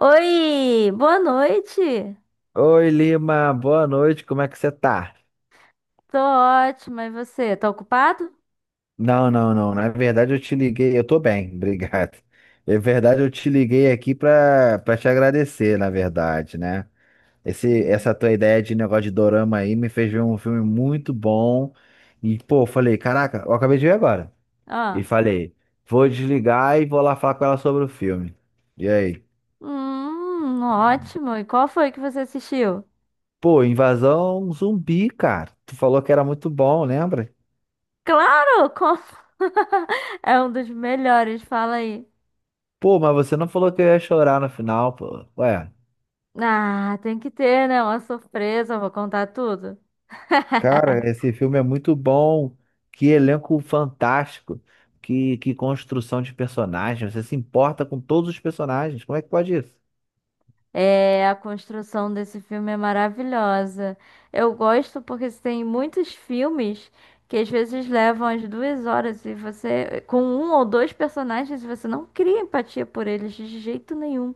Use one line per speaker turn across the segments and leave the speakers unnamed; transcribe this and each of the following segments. Oi, boa noite.
Oi, Lima, boa noite, como é que você tá?
Tô ótima, e você? Tá ocupado?
Não, não, não, na verdade eu te liguei, eu tô bem, obrigado. Na verdade eu te liguei aqui pra te agradecer, na verdade, né?
Hum.
Essa tua ideia de negócio de dorama aí me fez ver um filme muito bom e, pô, eu falei, caraca, eu acabei de ver agora. E
Ah,
falei, vou desligar e vou lá falar com ela sobre o filme. E aí?
ótimo. E qual foi que você assistiu?
Pô, Invasão Zumbi, cara, tu falou que era muito bom, lembra?
Claro, com- é um dos melhores, fala aí.
Pô, mas você não falou que eu ia chorar no final, pô. Ué,
Ah, tem que ter, né? Uma surpresa, eu vou contar tudo.
cara, esse filme é muito bom. Que elenco fantástico. Que construção de personagens. Você se importa com todos os personagens. Como é que pode isso?
É, a construção desse filme é maravilhosa. Eu gosto porque tem muitos filmes que às vezes levam as duas horas e você, com um ou dois personagens, você não cria empatia por eles de jeito nenhum.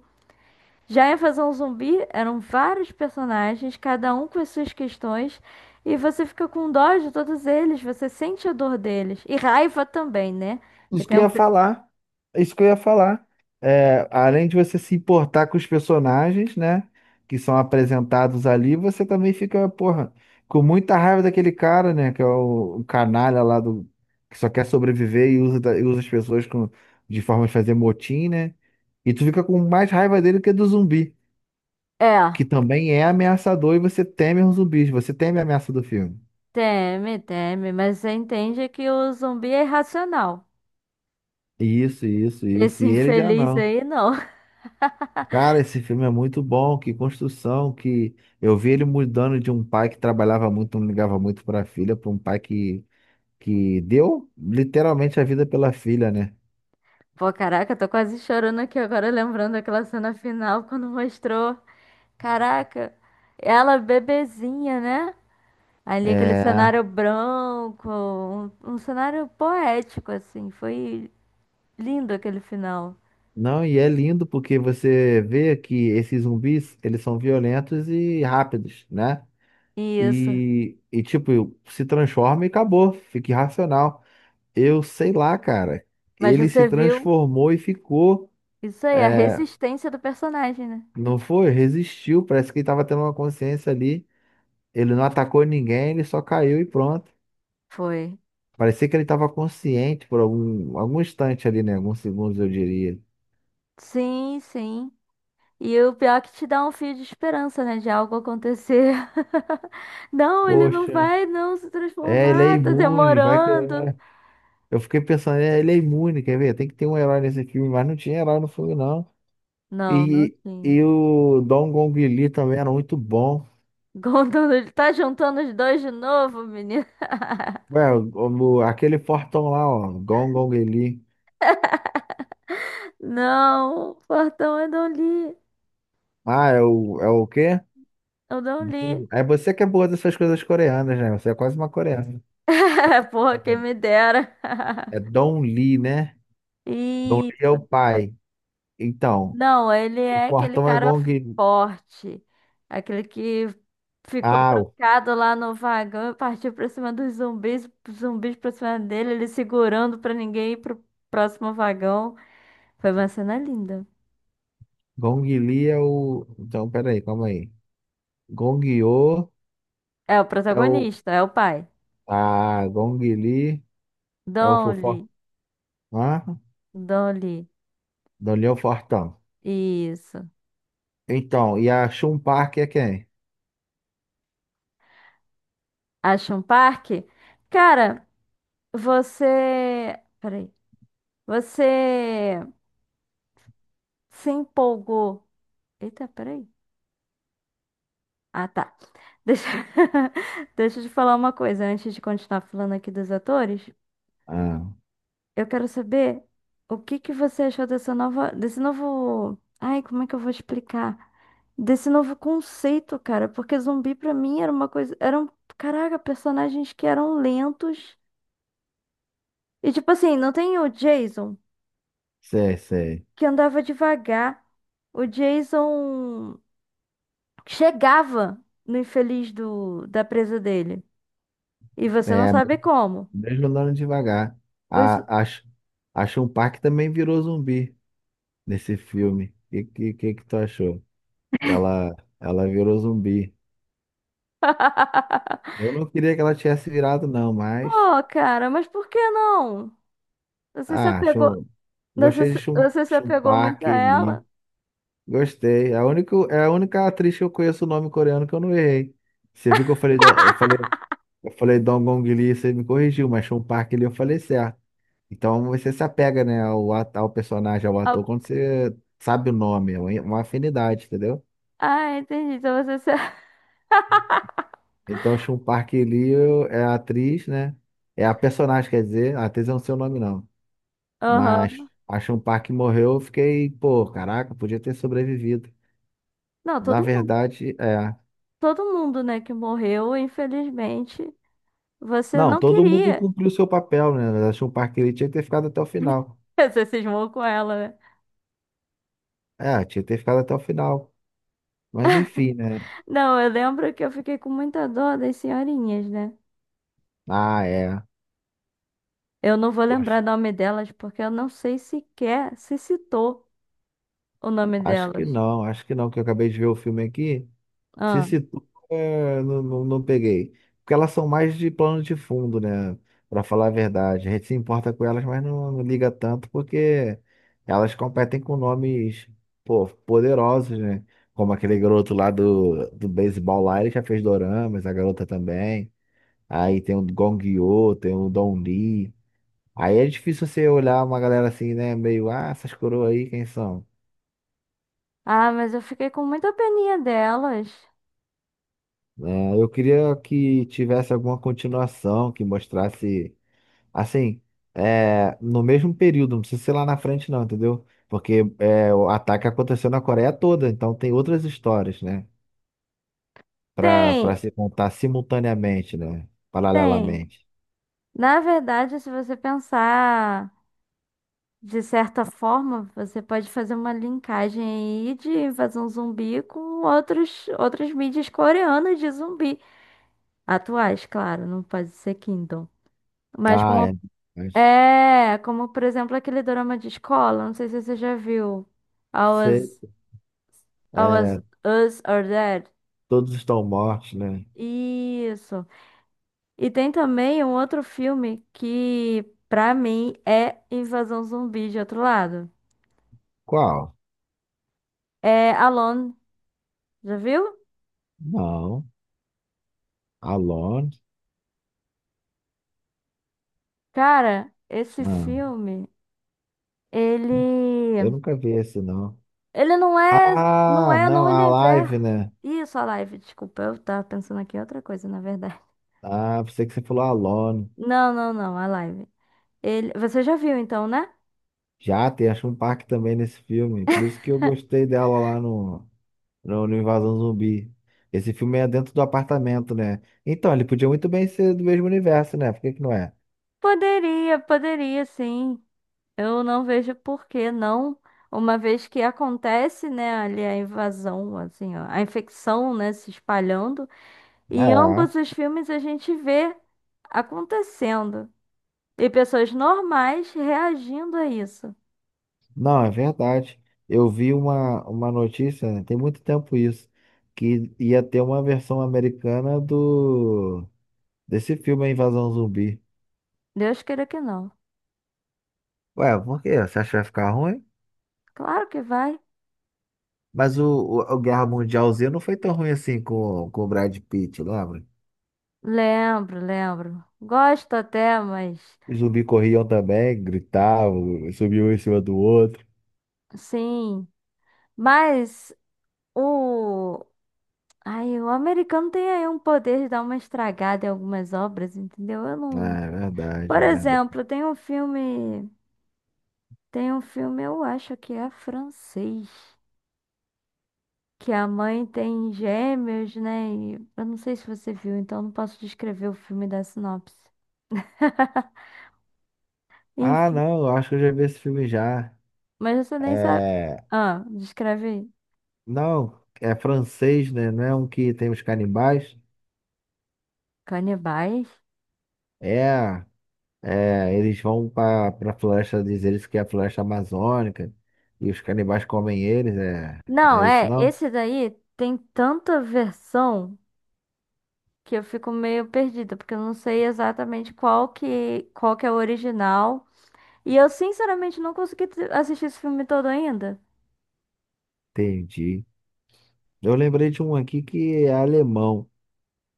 Já em Invasão Zumbi eram vários personagens, cada um com as suas questões, e você fica com dó de todos eles, você sente a dor deles. E raiva também, né? E
Isso que
tem
eu
um...
ia
pe-
falar. Isso que eu ia falar. É, além de você se importar com os personagens, né? Que são apresentados ali, você também fica, porra, com muita raiva daquele cara, né? Que é o canalha lá do. Que só quer sobreviver e usa, e usa as pessoas com, de forma de fazer motim, né? E tu fica com mais raiva dele que do zumbi,
É,
que também é ameaçador e você teme os zumbis, você teme a ameaça do filme.
teme, teme, mas você entende que o zumbi é irracional.
Isso, isso, isso.
Esse
E ele já
infeliz
não.
aí, não.
Cara, esse filme é muito bom, que construção, que eu vi ele mudando de um pai que trabalhava muito, não ligava muito para a filha, para um pai que deu literalmente a vida pela filha, né?
Pô, caraca, eu tô quase chorando aqui agora, lembrando daquela cena final quando mostrou. Caraca, ela bebezinha, né? Ali aquele
É,
cenário branco, um cenário poético, assim. Foi lindo aquele final.
não, e é lindo porque você vê que esses zumbis, eles são violentos e rápidos, né?
Isso.
E tipo, se transforma e acabou, fica irracional. Eu sei lá, cara,
Mas
ele se
você viu
transformou e ficou,
isso aí, a resistência do personagem, né?
não foi? Resistiu, parece que ele tava tendo uma consciência ali. Ele não atacou ninguém, ele só caiu e pronto.
Foi.
Parecia que ele estava consciente por algum instante ali, né? Alguns segundos, eu diria.
Sim, sim. E o pior é que te dá um fio de esperança, né? De algo acontecer. Não, ele não
Poxa,
vai não se
é, ele é
transformar, tá
imune, vai que...
demorando.
é. Eu fiquei pensando, é, ele é imune, quer ver? Tem que ter um herói nesse filme, mas não tinha herói no filme, não.
Não, não
E,
tinha.
e o Dong Gong Li também era muito bom.
Contando, ele tá juntando os dois de novo, menina.
Ué, aquele fortão lá, ó, Dong Gong Li.
Não, Fortão, eu não li.
Ah, é é o quê?
Eu não li.
É você que é boa dessas coisas coreanas, né? Você é quase uma coreana.
Porra, quem
É
me dera.
é Dong Li, né? Gong Li é o
Isso.
pai. Então,
Não, ele
o
é aquele
portão é
cara
Gong.
forte, aquele que ficou
Ah, o
trancado lá no vagão e partiu pra cima dos zumbis, zumbis pra cima dele, ele segurando pra ninguém ir pro próximo vagão. Foi uma cena linda.
Gong Li é o. Então, peraí, calma aí. Gong Yoo
É o
é o.
protagonista, é o pai.
Ah, Gong Li é o fofo.
Donnie,
Ah,
Donnie,
Don Li é o fortão.
isso.
Então, e a Shun Park é quem?
Acha um parque? Cara, você. Peraí. Você se empolgou. Eita, peraí. Ah, tá. Deixa... Deixa eu te falar uma coisa antes de continuar falando aqui dos atores.
Ah,
Eu quero saber o que que você achou dessa nova, desse novo, ai, como é que eu vou explicar? Desse novo conceito, cara, porque zumbi pra mim era uma coisa, eram, caraca, personagens que eram lentos. E tipo assim, não tem o Jason
sei, sei.
que andava devagar. O Jason chegava no infeliz do da presa dele. E você não
É,
sabe como.
mesmo andando devagar.
Os
A, a, Sh- a Shun Park também virou zumbi nesse filme. O que que tu achou? Ela virou zumbi. Eu não queria que ela tivesse virado, não, mas.
Pô, cara, mas por que não? Você se
Ah,
apegou,
chum...
você,
gostei de
você se
Chum
apegou muito
Park
a
Lee.
ela?
Gostei. É a única atriz que eu conheço o nome coreano que eu não errei. Você viu que eu falei, do... eu falei Dongong Lee, você me corrigiu, mas Chum Park Lee eu falei certo. Então você se apega, né, ao, ao personagem, ao ator,
Ah,
quando você sabe o nome, é uma afinidade, entendeu?
ah, entendi. Então você se...
Então Chum Park Lee é a atriz, né? É a personagem, quer dizer, a atriz eu não sei o nome, não.
Aham.
Mas Action Park morreu, eu fiquei, pô, caraca, podia ter sobrevivido.
Não,
Na verdade, é.
todo mundo, né, que morreu, infelizmente, você
Não,
não
todo mundo
queria.
cumpriu seu papel, né? Action Park ele tinha que ter ficado até o final.
Você cismou com ela, né?
É, tinha que ter ficado até o final. Mas enfim, né?
Não, eu lembro que eu fiquei com muita dor das senhorinhas, né?
Ah, é.
Eu não vou lembrar
Poxa,
o nome delas porque eu não sei sequer se citou o nome delas.
acho que não, que eu acabei de ver o filme aqui. Se
Ah,
situa, é, não, não, não peguei. Porque elas são mais de plano de fundo, né? Pra falar a verdade. A gente se importa com elas, mas não, não liga tanto porque elas competem com nomes, pô, poderosos, né? Como aquele garoto lá do beisebol lá, ele já fez doramas, a garota também. Aí tem o Gong Yoo, tem o Don Lee. Aí é difícil você olhar uma galera assim, né? Meio, ah, essas coroas aí, quem são?
ah, mas eu fiquei com muita peninha delas.
Né? Eu queria que tivesse alguma continuação que mostrasse. Assim, é, no mesmo período, não precisa ser lá na frente, não, entendeu? Porque é, o ataque aconteceu na Coreia toda, então tem outras histórias, né? Pra
Tem.
se contar simultaneamente, né?
Tem.
Paralelamente.
Na verdade, se você pensar de certa forma, você pode fazer uma linkagem aí de invasão zumbi com outras mídias coreanas de zumbi. Atuais, claro, não pode ser Kingdom. Mas
Ah,
como
é. Mas
é, como por exemplo aquele drama de escola, não sei se você já viu. All
Você,
Us, All Us,
é,
Us Are Dead.
todos estão mortos, né?
Isso. E tem também um outro filme que, pra mim, é Invasão Zumbi de outro lado.
Qual?
É Alone, já viu?
Não. Alone?
Cara, esse
Não.
filme,
Eu
ele
nunca vi esse, não.
ele não é não
Ah,
é no
não, a
universo.
live, né?
Isso, a live, desculpa, eu tava pensando aqui em outra coisa, na verdade.
Ah, pensei que você falou Alone.
Não, não, não, a live. Ele, você já viu então, né?
Já tem a Chumpark também nesse filme. Por isso que eu gostei dela lá no Invasão Zumbi. Esse filme é dentro do apartamento, né? Então, ele podia muito bem ser do mesmo universo, né? Por que que não é?
Poderia, poderia sim. Eu não vejo por que não, uma vez que acontece, né, ali a invasão, assim, ó, a infecção, né, se espalhando. E em
É.
ambos os filmes a gente vê acontecendo. E pessoas normais reagindo a isso.
Não, é verdade. Eu vi uma notícia, né? Tem muito tempo isso, que ia ter uma versão americana do desse filme A Invasão Zumbi.
Deus queira que não.
Ué, por quê? Você acha que vai ficar ruim?
Claro que vai.
Mas o Guerra Mundial Z não foi tão ruim assim com o Brad Pitt, lembra?
Lembro, lembro. Gosto até, mas.
Os zumbis corriam também, gritavam, subiam um em cima do outro.
Sim. Mas o. Ai, o americano tem aí um poder de dar uma estragada em algumas obras, entendeu? Eu não.
Ah, é verdade,
Por
é verdade.
exemplo, tem um filme. Tem um filme, eu acho que é francês. Que a mãe tem gêmeos, né? E eu não sei se você viu, então não posso descrever o filme da sinopse.
Ah,
Enfim,
não, eu acho que eu já vi esse filme já.
mas você nem sabe.
É.
Ah, descreve aí.
Não, é francês, né? Não é um que tem os canibais?
Canibais?
É. É, eles vão para floresta, diz eles que é a floresta amazônica e os canibais comem eles, é. Não
Não,
é isso
é,
não?
esse daí tem tanta versão que eu fico meio perdida, porque eu não sei exatamente qual que é o original. E eu, sinceramente, não consegui t- assistir esse filme todo ainda.
Entendi. Eu lembrei de um aqui que é alemão.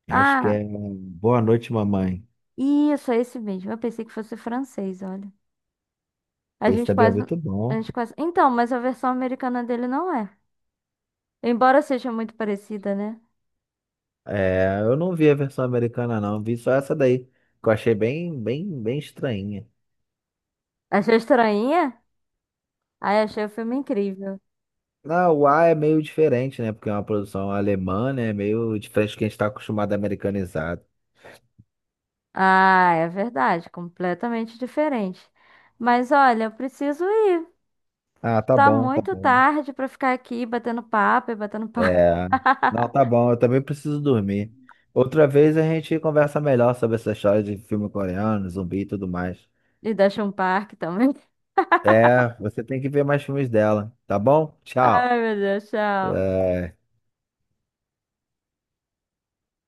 Acho que
Ah,
é Boa Noite, Mamãe.
isso, é esse mesmo. Eu pensei que fosse francês, olha. A
Esse
gente
também é
quase,
muito
a
bom.
gente quase... Então, mas a versão americana dele não é. Embora seja muito parecida, né?
É, eu não vi a versão americana, não. Vi só essa daí, que eu achei bem estranha.
Achei estranha? Ai, achei o filme incrível.
Não, o A é meio diferente, né? Porque é uma produção alemã, né? É meio diferente do que a gente tá acostumado americanizado.
Ah, é verdade, completamente diferente. Mas olha, eu preciso ir.
Ah, tá
Tá
bom, tá
muito
bom.
tarde pra ficar aqui batendo papo e batendo papo.
É. Não, tá bom, eu também preciso dormir. Outra vez a gente conversa melhor sobre essa história de filme coreano, zumbi e tudo mais.
E da um parque também.
É, você tem que ver mais filmes dela, tá bom? Tchau.
Ai, meu Deus, tchau.
É.